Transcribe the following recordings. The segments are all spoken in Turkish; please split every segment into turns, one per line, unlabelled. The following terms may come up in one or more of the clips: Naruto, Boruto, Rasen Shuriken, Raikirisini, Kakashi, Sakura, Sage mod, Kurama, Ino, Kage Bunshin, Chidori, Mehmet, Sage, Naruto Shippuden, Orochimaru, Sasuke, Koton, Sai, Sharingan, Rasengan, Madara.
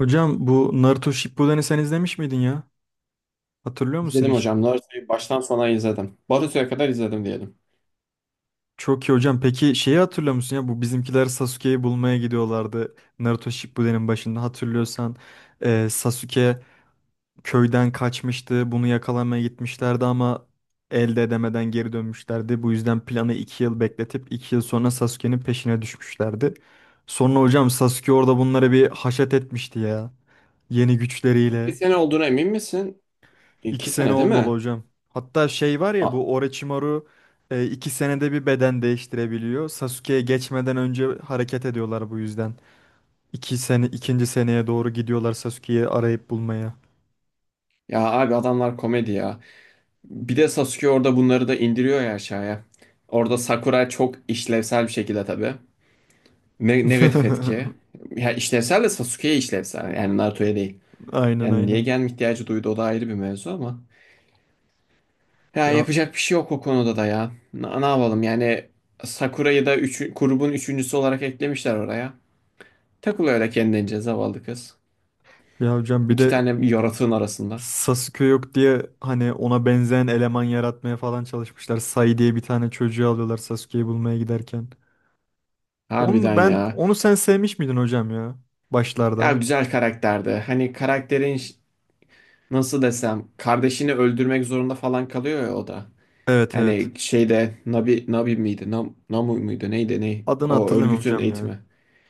Hocam bu Naruto Shippuden'i sen izlemiş miydin ya? Hatırlıyor musun
İzledim
hiç?
hocam. Naruto'yu baştan sona izledim. Boruto'ya kadar izledim diyelim.
Çok iyi hocam. Peki şeyi hatırlıyor musun ya? Bu bizimkiler Sasuke'yi bulmaya gidiyorlardı. Naruto Shippuden'in başında hatırlıyorsan. Sasuke köyden kaçmıştı. Bunu yakalamaya gitmişlerdi ama elde edemeden geri dönmüşlerdi. Bu yüzden planı 2 yıl bekletip 2 yıl sonra Sasuke'nin peşine düşmüşlerdi. Sonra hocam Sasuke orada bunlara bir haşat etmişti ya. Yeni
İki
güçleriyle.
sene olduğuna emin misin?
İki
İki
sene
sene değil
olmalı
mi?
hocam. Hatta şey var ya
A-
bu Orochimaru 2 senede bir beden değiştirebiliyor. Sasuke'ye geçmeden önce hareket ediyorlar bu yüzden. 2 sene, ikinci seneye doğru gidiyorlar Sasuke'yi arayıp bulmaya.
Ya abi adamlar komedi ya. Bir de Sasuke orada bunları da indiriyor ya aşağıya. Orada Sakura çok işlevsel bir şekilde tabii. Negatif etki. Ya işlevsel de Sasuke'ye işlevsel. Yani Naruto'ya değil.
Aynen
Yani niye
aynen.
gelme ihtiyacı duydu o da ayrı bir mevzu ama. Ya
Ya,
yapacak bir şey yok o konuda da ya. Ne yapalım yani. Sakura'yı da grubun üçüncüsü olarak eklemişler oraya. Takılıyor öyle kendince zavallı kız.
ya hocam bir
İki
de
tane yaratığın arasında.
Sasuke yok diye hani ona benzeyen eleman yaratmaya falan çalışmışlar. Sai diye bir tane çocuğu alıyorlar Sasuke'yi bulmaya giderken.
Harbiden
Onu ben
ya.
onu sen sevmiş miydin hocam ya
Ya
başlarda?
güzel karakterdi. Hani karakterin nasıl desem, kardeşini öldürmek zorunda falan kalıyor ya o da.
Evet evet.
Hani şeyde Nabi, Nabi miydi? Namu muydu? Neydi? Ne?
Adını
O
hatırlamıyorum
örgütün
hocam ya.
eğitimi.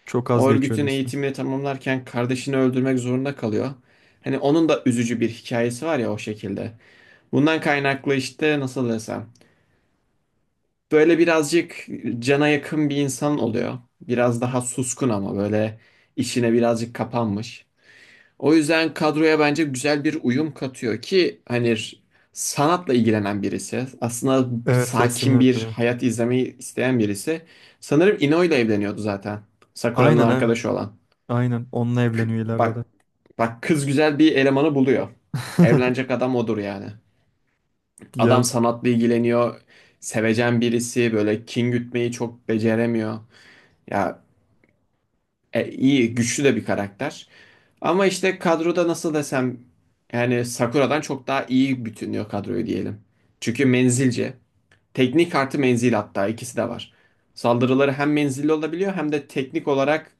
Çok az
O
geçiyordu
örgütün
ismi.
eğitimini tamamlarken kardeşini öldürmek zorunda kalıyor. Hani onun da üzücü bir hikayesi var ya o şekilde. Bundan kaynaklı işte nasıl desem. Böyle birazcık cana yakın bir insan oluyor. Biraz daha suskun ama böyle işine birazcık kapanmış. O yüzden kadroya bence güzel bir uyum katıyor ki hani sanatla ilgilenen birisi, aslında
Evet resim
sakin bir
yapıyor.
hayat izlemeyi isteyen birisi. Sanırım Ino ile evleniyordu zaten. Sakura'nın
Aynen ha.
arkadaşı olan.
Aynen. Onunla evleniyor ileride
Bak,
de.
bak kız güzel bir elemanı buluyor. Evlenecek adam odur yani. Adam
Ya
sanatla ilgileniyor. Sevecen birisi, böyle kin gütmeyi çok beceremiyor. Ya iyi, güçlü de bir karakter. Ama işte kadroda nasıl desem, yani Sakura'dan çok daha iyi bütünlüyor kadroyu diyelim. Çünkü menzilce. Teknik artı menzil, hatta ikisi de var. Saldırıları hem menzilli olabiliyor hem de teknik olarak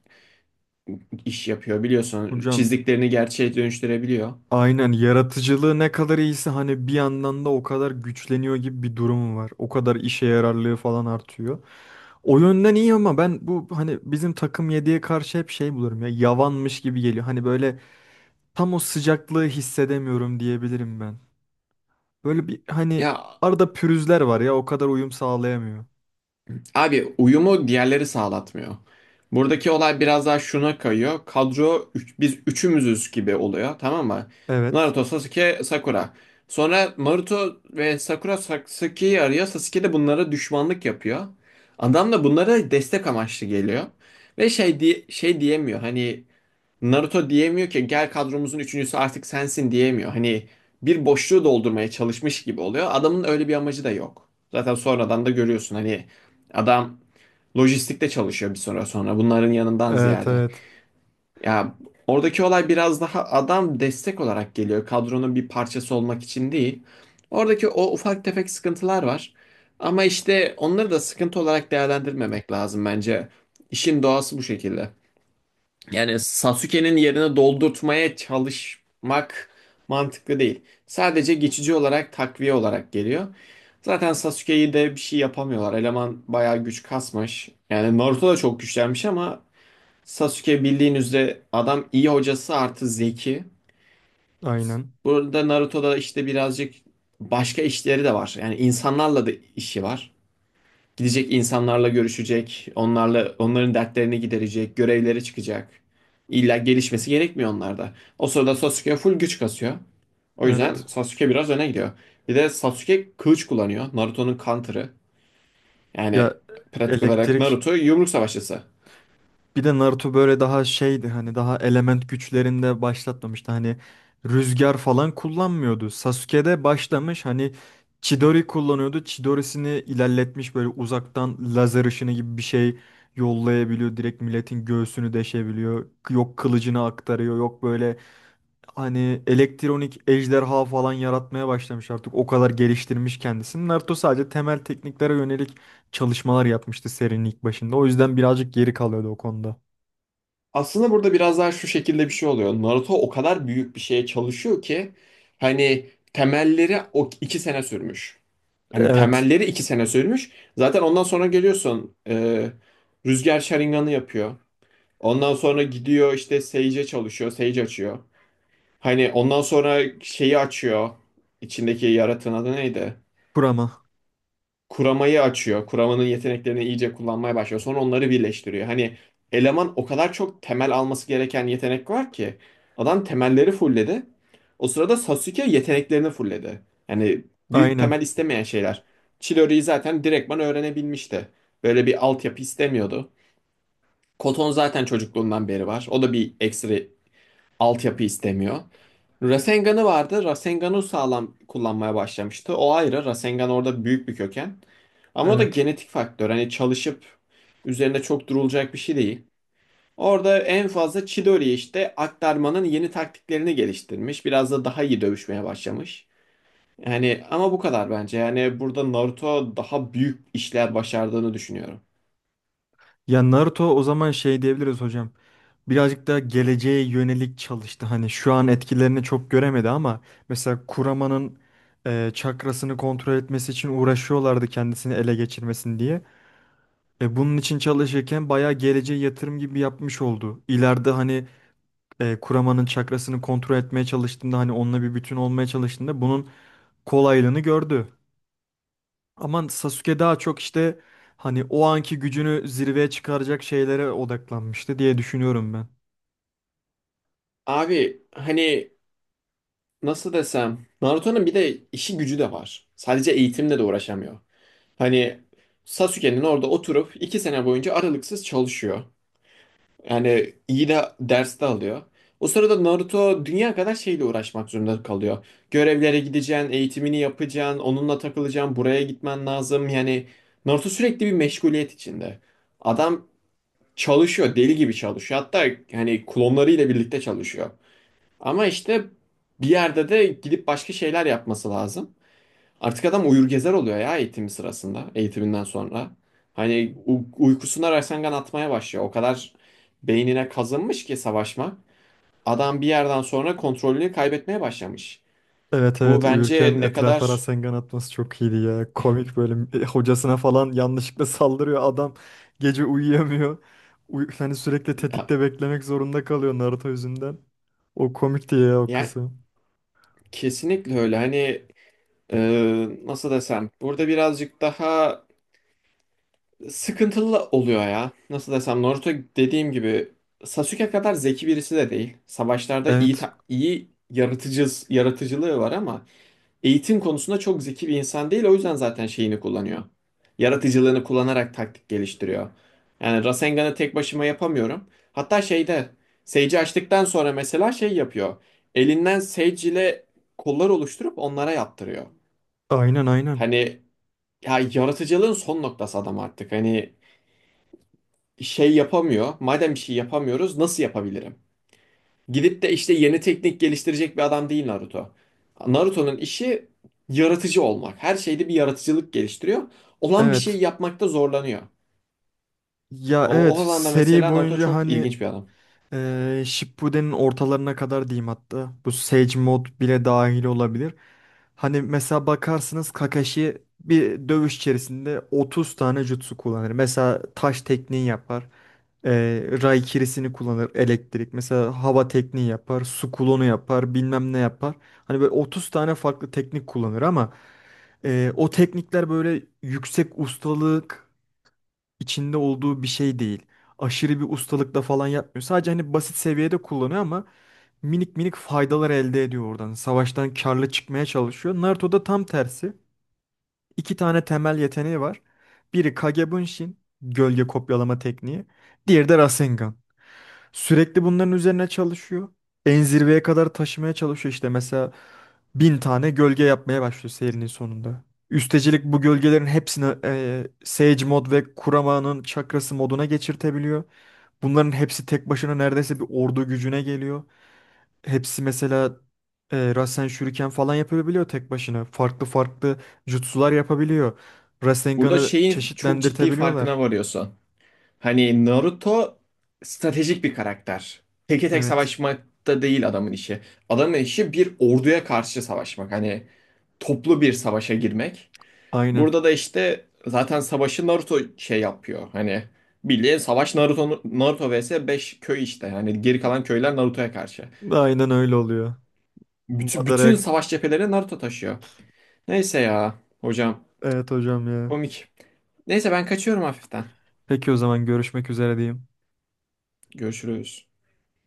iş yapıyor, biliyorsun.
hocam
Çizdiklerini gerçeğe dönüştürebiliyor.
aynen yaratıcılığı ne kadar iyiyse hani bir yandan da o kadar güçleniyor gibi bir durumu var. O kadar işe yararlığı falan artıyor. O yönden iyi ama ben bu hani bizim takım 7'ye karşı hep şey bulurum ya yavanmış gibi geliyor. Hani böyle tam o sıcaklığı hissedemiyorum diyebilirim ben. Böyle bir hani
Ya
arada pürüzler var ya o kadar uyum sağlayamıyor.
abi, uyumu diğerleri sağlatmıyor. Buradaki olay biraz daha şuna kayıyor. Kadro biz üçümüzüz gibi oluyor, tamam mı?
Evet.
Naruto, Sasuke, Sakura. Sonra Naruto ve Sakura Sasuke'yi arıyor. Sasuke de bunlara düşmanlık yapıyor. Adam da bunlara destek amaçlı geliyor. Ve şey, diye, şey diyemiyor hani. Naruto diyemiyor ki gel kadromuzun üçüncüsü artık sensin, diyemiyor. Hani bir boşluğu doldurmaya çalışmış gibi oluyor. Adamın öyle bir amacı da yok. Zaten sonradan da görüyorsun hani adam lojistikte çalışıyor bir süre sonra, bunların yanından
Evet
ziyade.
evet.
Ya, oradaki olay biraz daha adam destek olarak geliyor. Kadronun bir parçası olmak için değil. Oradaki o ufak tefek sıkıntılar var. Ama işte onları da sıkıntı olarak değerlendirmemek lazım bence. İşin doğası bu şekilde. Yani Sasuke'nin yerine doldurtmaya çalışmak mantıklı değil. Sadece geçici olarak, takviye olarak geliyor. Zaten Sasuke'yi de bir şey yapamıyorlar. Eleman bayağı güç kasmış. Yani Naruto da çok güçlenmiş ama Sasuke, bildiğin üzere, adam iyi hocası artı zeki.
Aynen.
Burada Naruto'da işte birazcık başka işleri de var. Yani insanlarla da işi var. Gidecek, insanlarla görüşecek, onlarla onların dertlerini giderecek, görevlere çıkacak. İlla gelişmesi gerekmiyor onlarda. O sırada Sasuke full güç kasıyor. O yüzden
Evet.
Sasuke biraz öne gidiyor. Bir de Sasuke kılıç kullanıyor. Naruto'nun counter'ı. Yani
Ya
pratik olarak
elektrik
Naruto yumruk savaşçısı.
bir de Naruto böyle daha şeydi hani daha element güçlerinde başlatmamıştı. Hani rüzgar falan kullanmıyordu. Sasuke'de başlamış hani Chidori kullanıyordu. Chidori'sini ilerletmiş böyle uzaktan lazer ışını gibi bir şey yollayabiliyor. Direkt milletin göğsünü deşebiliyor. Yok kılıcını aktarıyor. Yok böyle. Hani elektronik ejderha falan yaratmaya başlamış artık. O kadar geliştirmiş kendisini. Naruto sadece temel tekniklere yönelik çalışmalar yapmıştı serinin ilk başında. O yüzden birazcık geri kalıyordu o konuda.
Aslında burada biraz daha şu şekilde bir şey oluyor. Naruto o kadar büyük bir şeye çalışıyor ki hani temelleri o 2 sene sürmüş. Hani
Evet.
temelleri 2 sene sürmüş. Zaten ondan sonra geliyorsun, Rüzgar Sharingan'ı yapıyor. Ondan sonra gidiyor işte Sage'e çalışıyor. Sage açıyor. Hani ondan sonra şeyi açıyor. İçindeki yaratığın adı neydi?
Kurama.
Kuramayı açıyor. Kuramanın yeteneklerini iyice kullanmaya başlıyor. Sonra onları birleştiriyor. Hani eleman o kadar çok temel alması gereken yetenek var ki adam temelleri fulledi. O sırada Sasuke yeteneklerini fulledi. Yani büyük
Aynen.
temel istemeyen şeyler. Chidori'yi zaten direktman öğrenebilmişti. Böyle bir altyapı istemiyordu. Koton zaten çocukluğundan beri var. O da bir ekstra altyapı istemiyor. Rasengan'ı vardı. Rasengan'ı sağlam kullanmaya başlamıştı. O ayrı. Rasengan orada büyük bir köken. Ama o da
Evet.
genetik faktör. Hani çalışıp üzerinde çok durulacak bir şey değil. Orada en fazla Chidori işte, aktarmanın yeni taktiklerini geliştirmiş. Biraz da daha iyi dövüşmeye başlamış. Yani ama bu kadar bence. Yani burada Naruto daha büyük işler başardığını düşünüyorum.
Ya Naruto o zaman şey diyebiliriz hocam. Birazcık daha geleceğe yönelik çalıştı. Hani şu an etkilerini çok göremedi ama mesela Kurama'nın çakrasını kontrol etmesi için uğraşıyorlardı kendisini ele geçirmesin diye. E bunun için çalışırken bayağı geleceğe yatırım gibi yapmış oldu. İleride hani kuramanın çakrasını kontrol etmeye çalıştığında hani onunla bir bütün olmaya çalıştığında bunun kolaylığını gördü. Ama Sasuke daha çok işte hani o anki gücünü zirveye çıkaracak şeylere odaklanmıştı diye düşünüyorum ben.
Abi hani nasıl desem, Naruto'nun bir de işi gücü de var. Sadece eğitimle de uğraşamıyor. Hani Sasuke'nin orada oturup 2 sene boyunca aralıksız çalışıyor. Yani iyi de ders de alıyor. O sırada Naruto dünya kadar şeyle uğraşmak zorunda kalıyor. Görevlere gideceksin, eğitimini yapacaksın, onunla takılacaksın, buraya gitmen lazım. Yani Naruto sürekli bir meşguliyet içinde. Adam çalışıyor, deli gibi çalışıyor. Hatta hani klonlarıyla birlikte çalışıyor. Ama işte bir yerde de gidip başka şeyler yapması lazım. Artık adam uyur gezer oluyor ya, eğitimi sırasında, eğitiminden sonra. Hani uykusuna raysangan atmaya başlıyor. O kadar beynine kazınmış ki savaşma. Adam bir yerden sonra kontrolünü kaybetmeye başlamış.
Evet
Bu
evet,
bence
uyurken
ne
etrafa
kadar
Rasengan atması çok iyiydi ya. Komik böyle, hocasına falan yanlışlıkla saldırıyor adam. Gece uyuyamıyor. Uy hani sürekli
ya,
tetikte beklemek zorunda kalıyor Naruto yüzünden. O komikti ya o
ya
kısım.
kesinlikle öyle. Hani e, nasıl desem, burada birazcık daha sıkıntılı oluyor ya. Nasıl desem, Naruto dediğim gibi Sasuke kadar zeki birisi de değil. Savaşlarda iyi
Evet.
ta- iyi yaratıcı, yaratıcılığı var ama eğitim konusunda çok zeki bir insan değil. O yüzden zaten şeyini kullanıyor. Yaratıcılığını kullanarak taktik geliştiriyor. Yani Rasengan'ı tek başıma yapamıyorum. Hatta şeyde Sage'i açtıktan sonra mesela şey yapıyor. Elinden Sage ile kollar oluşturup onlara yaptırıyor.
Aynen aynen.
Hani ya, yaratıcılığın son noktası adam artık. Hani şey yapamıyor. Madem bir şey yapamıyoruz, nasıl yapabilirim? Gidip de işte yeni teknik geliştirecek bir adam değil Naruto. Naruto'nun işi yaratıcı olmak. Her şeyde bir yaratıcılık geliştiriyor. Olan bir şey
Evet.
yapmakta zorlanıyor.
Ya
O,
evet,
o alanda
seri
mesela Naruto
boyunca
çok
hani
ilginç bir adam.
Shippuden'in ortalarına kadar diyeyim hatta. Bu Sage mod bile dahil olabilir. Hani mesela bakarsınız Kakashi bir dövüş içerisinde 30 tane jutsu kullanır. Mesela taş tekniği yapar. Raikirisini kullanır elektrik. Mesela hava tekniği yapar. Su kulonu yapar. Bilmem ne yapar. Hani böyle 30 tane farklı teknik kullanır ama o teknikler böyle yüksek ustalık içinde olduğu bir şey değil. Aşırı bir ustalıkla falan yapmıyor. Sadece hani basit seviyede kullanıyor ama minik minik faydalar elde ediyor oradan. Savaştan karlı çıkmaya çalışıyor. Naruto'da tam tersi. 2 tane temel yeteneği var. Biri Kage Bunshin, gölge kopyalama tekniği. Diğeri de Rasengan. Sürekli bunların üzerine çalışıyor. En zirveye kadar taşımaya çalışıyor işte mesela 1000 tane gölge yapmaya başlıyor serinin sonunda. Üstecilik bu gölgelerin hepsini Sage mod ve Kurama'nın çakrası moduna geçirtebiliyor. Bunların hepsi tek başına neredeyse bir ordu gücüne geliyor. Hepsi mesela Rasen Shuriken falan yapabiliyor tek başına. Farklı farklı jutsular yapabiliyor.
Burada
Rasengan'ı
şeyin çok ciddi farkına
çeşitlendirtebiliyorlar.
varıyorsun. Hani Naruto stratejik bir karakter. Teke tek
Evet,
savaşmakta değil adamın işi. Adamın işi bir orduya karşı savaşmak. Hani toplu bir savaşa girmek.
aynen.
Burada da işte zaten savaşı Naruto şey yapıyor. Hani bildiğin savaş, Naruto vs 5 köy işte. Yani geri kalan köyler Naruto'ya karşı.
Aynen öyle oluyor.
Bütün
Madara.
savaş cepheleri Naruto taşıyor. Neyse ya hocam,
Evet hocam ya.
komik. Neyse ben kaçıyorum hafiften.
Peki o zaman görüşmek üzere diyeyim.
Görüşürüz.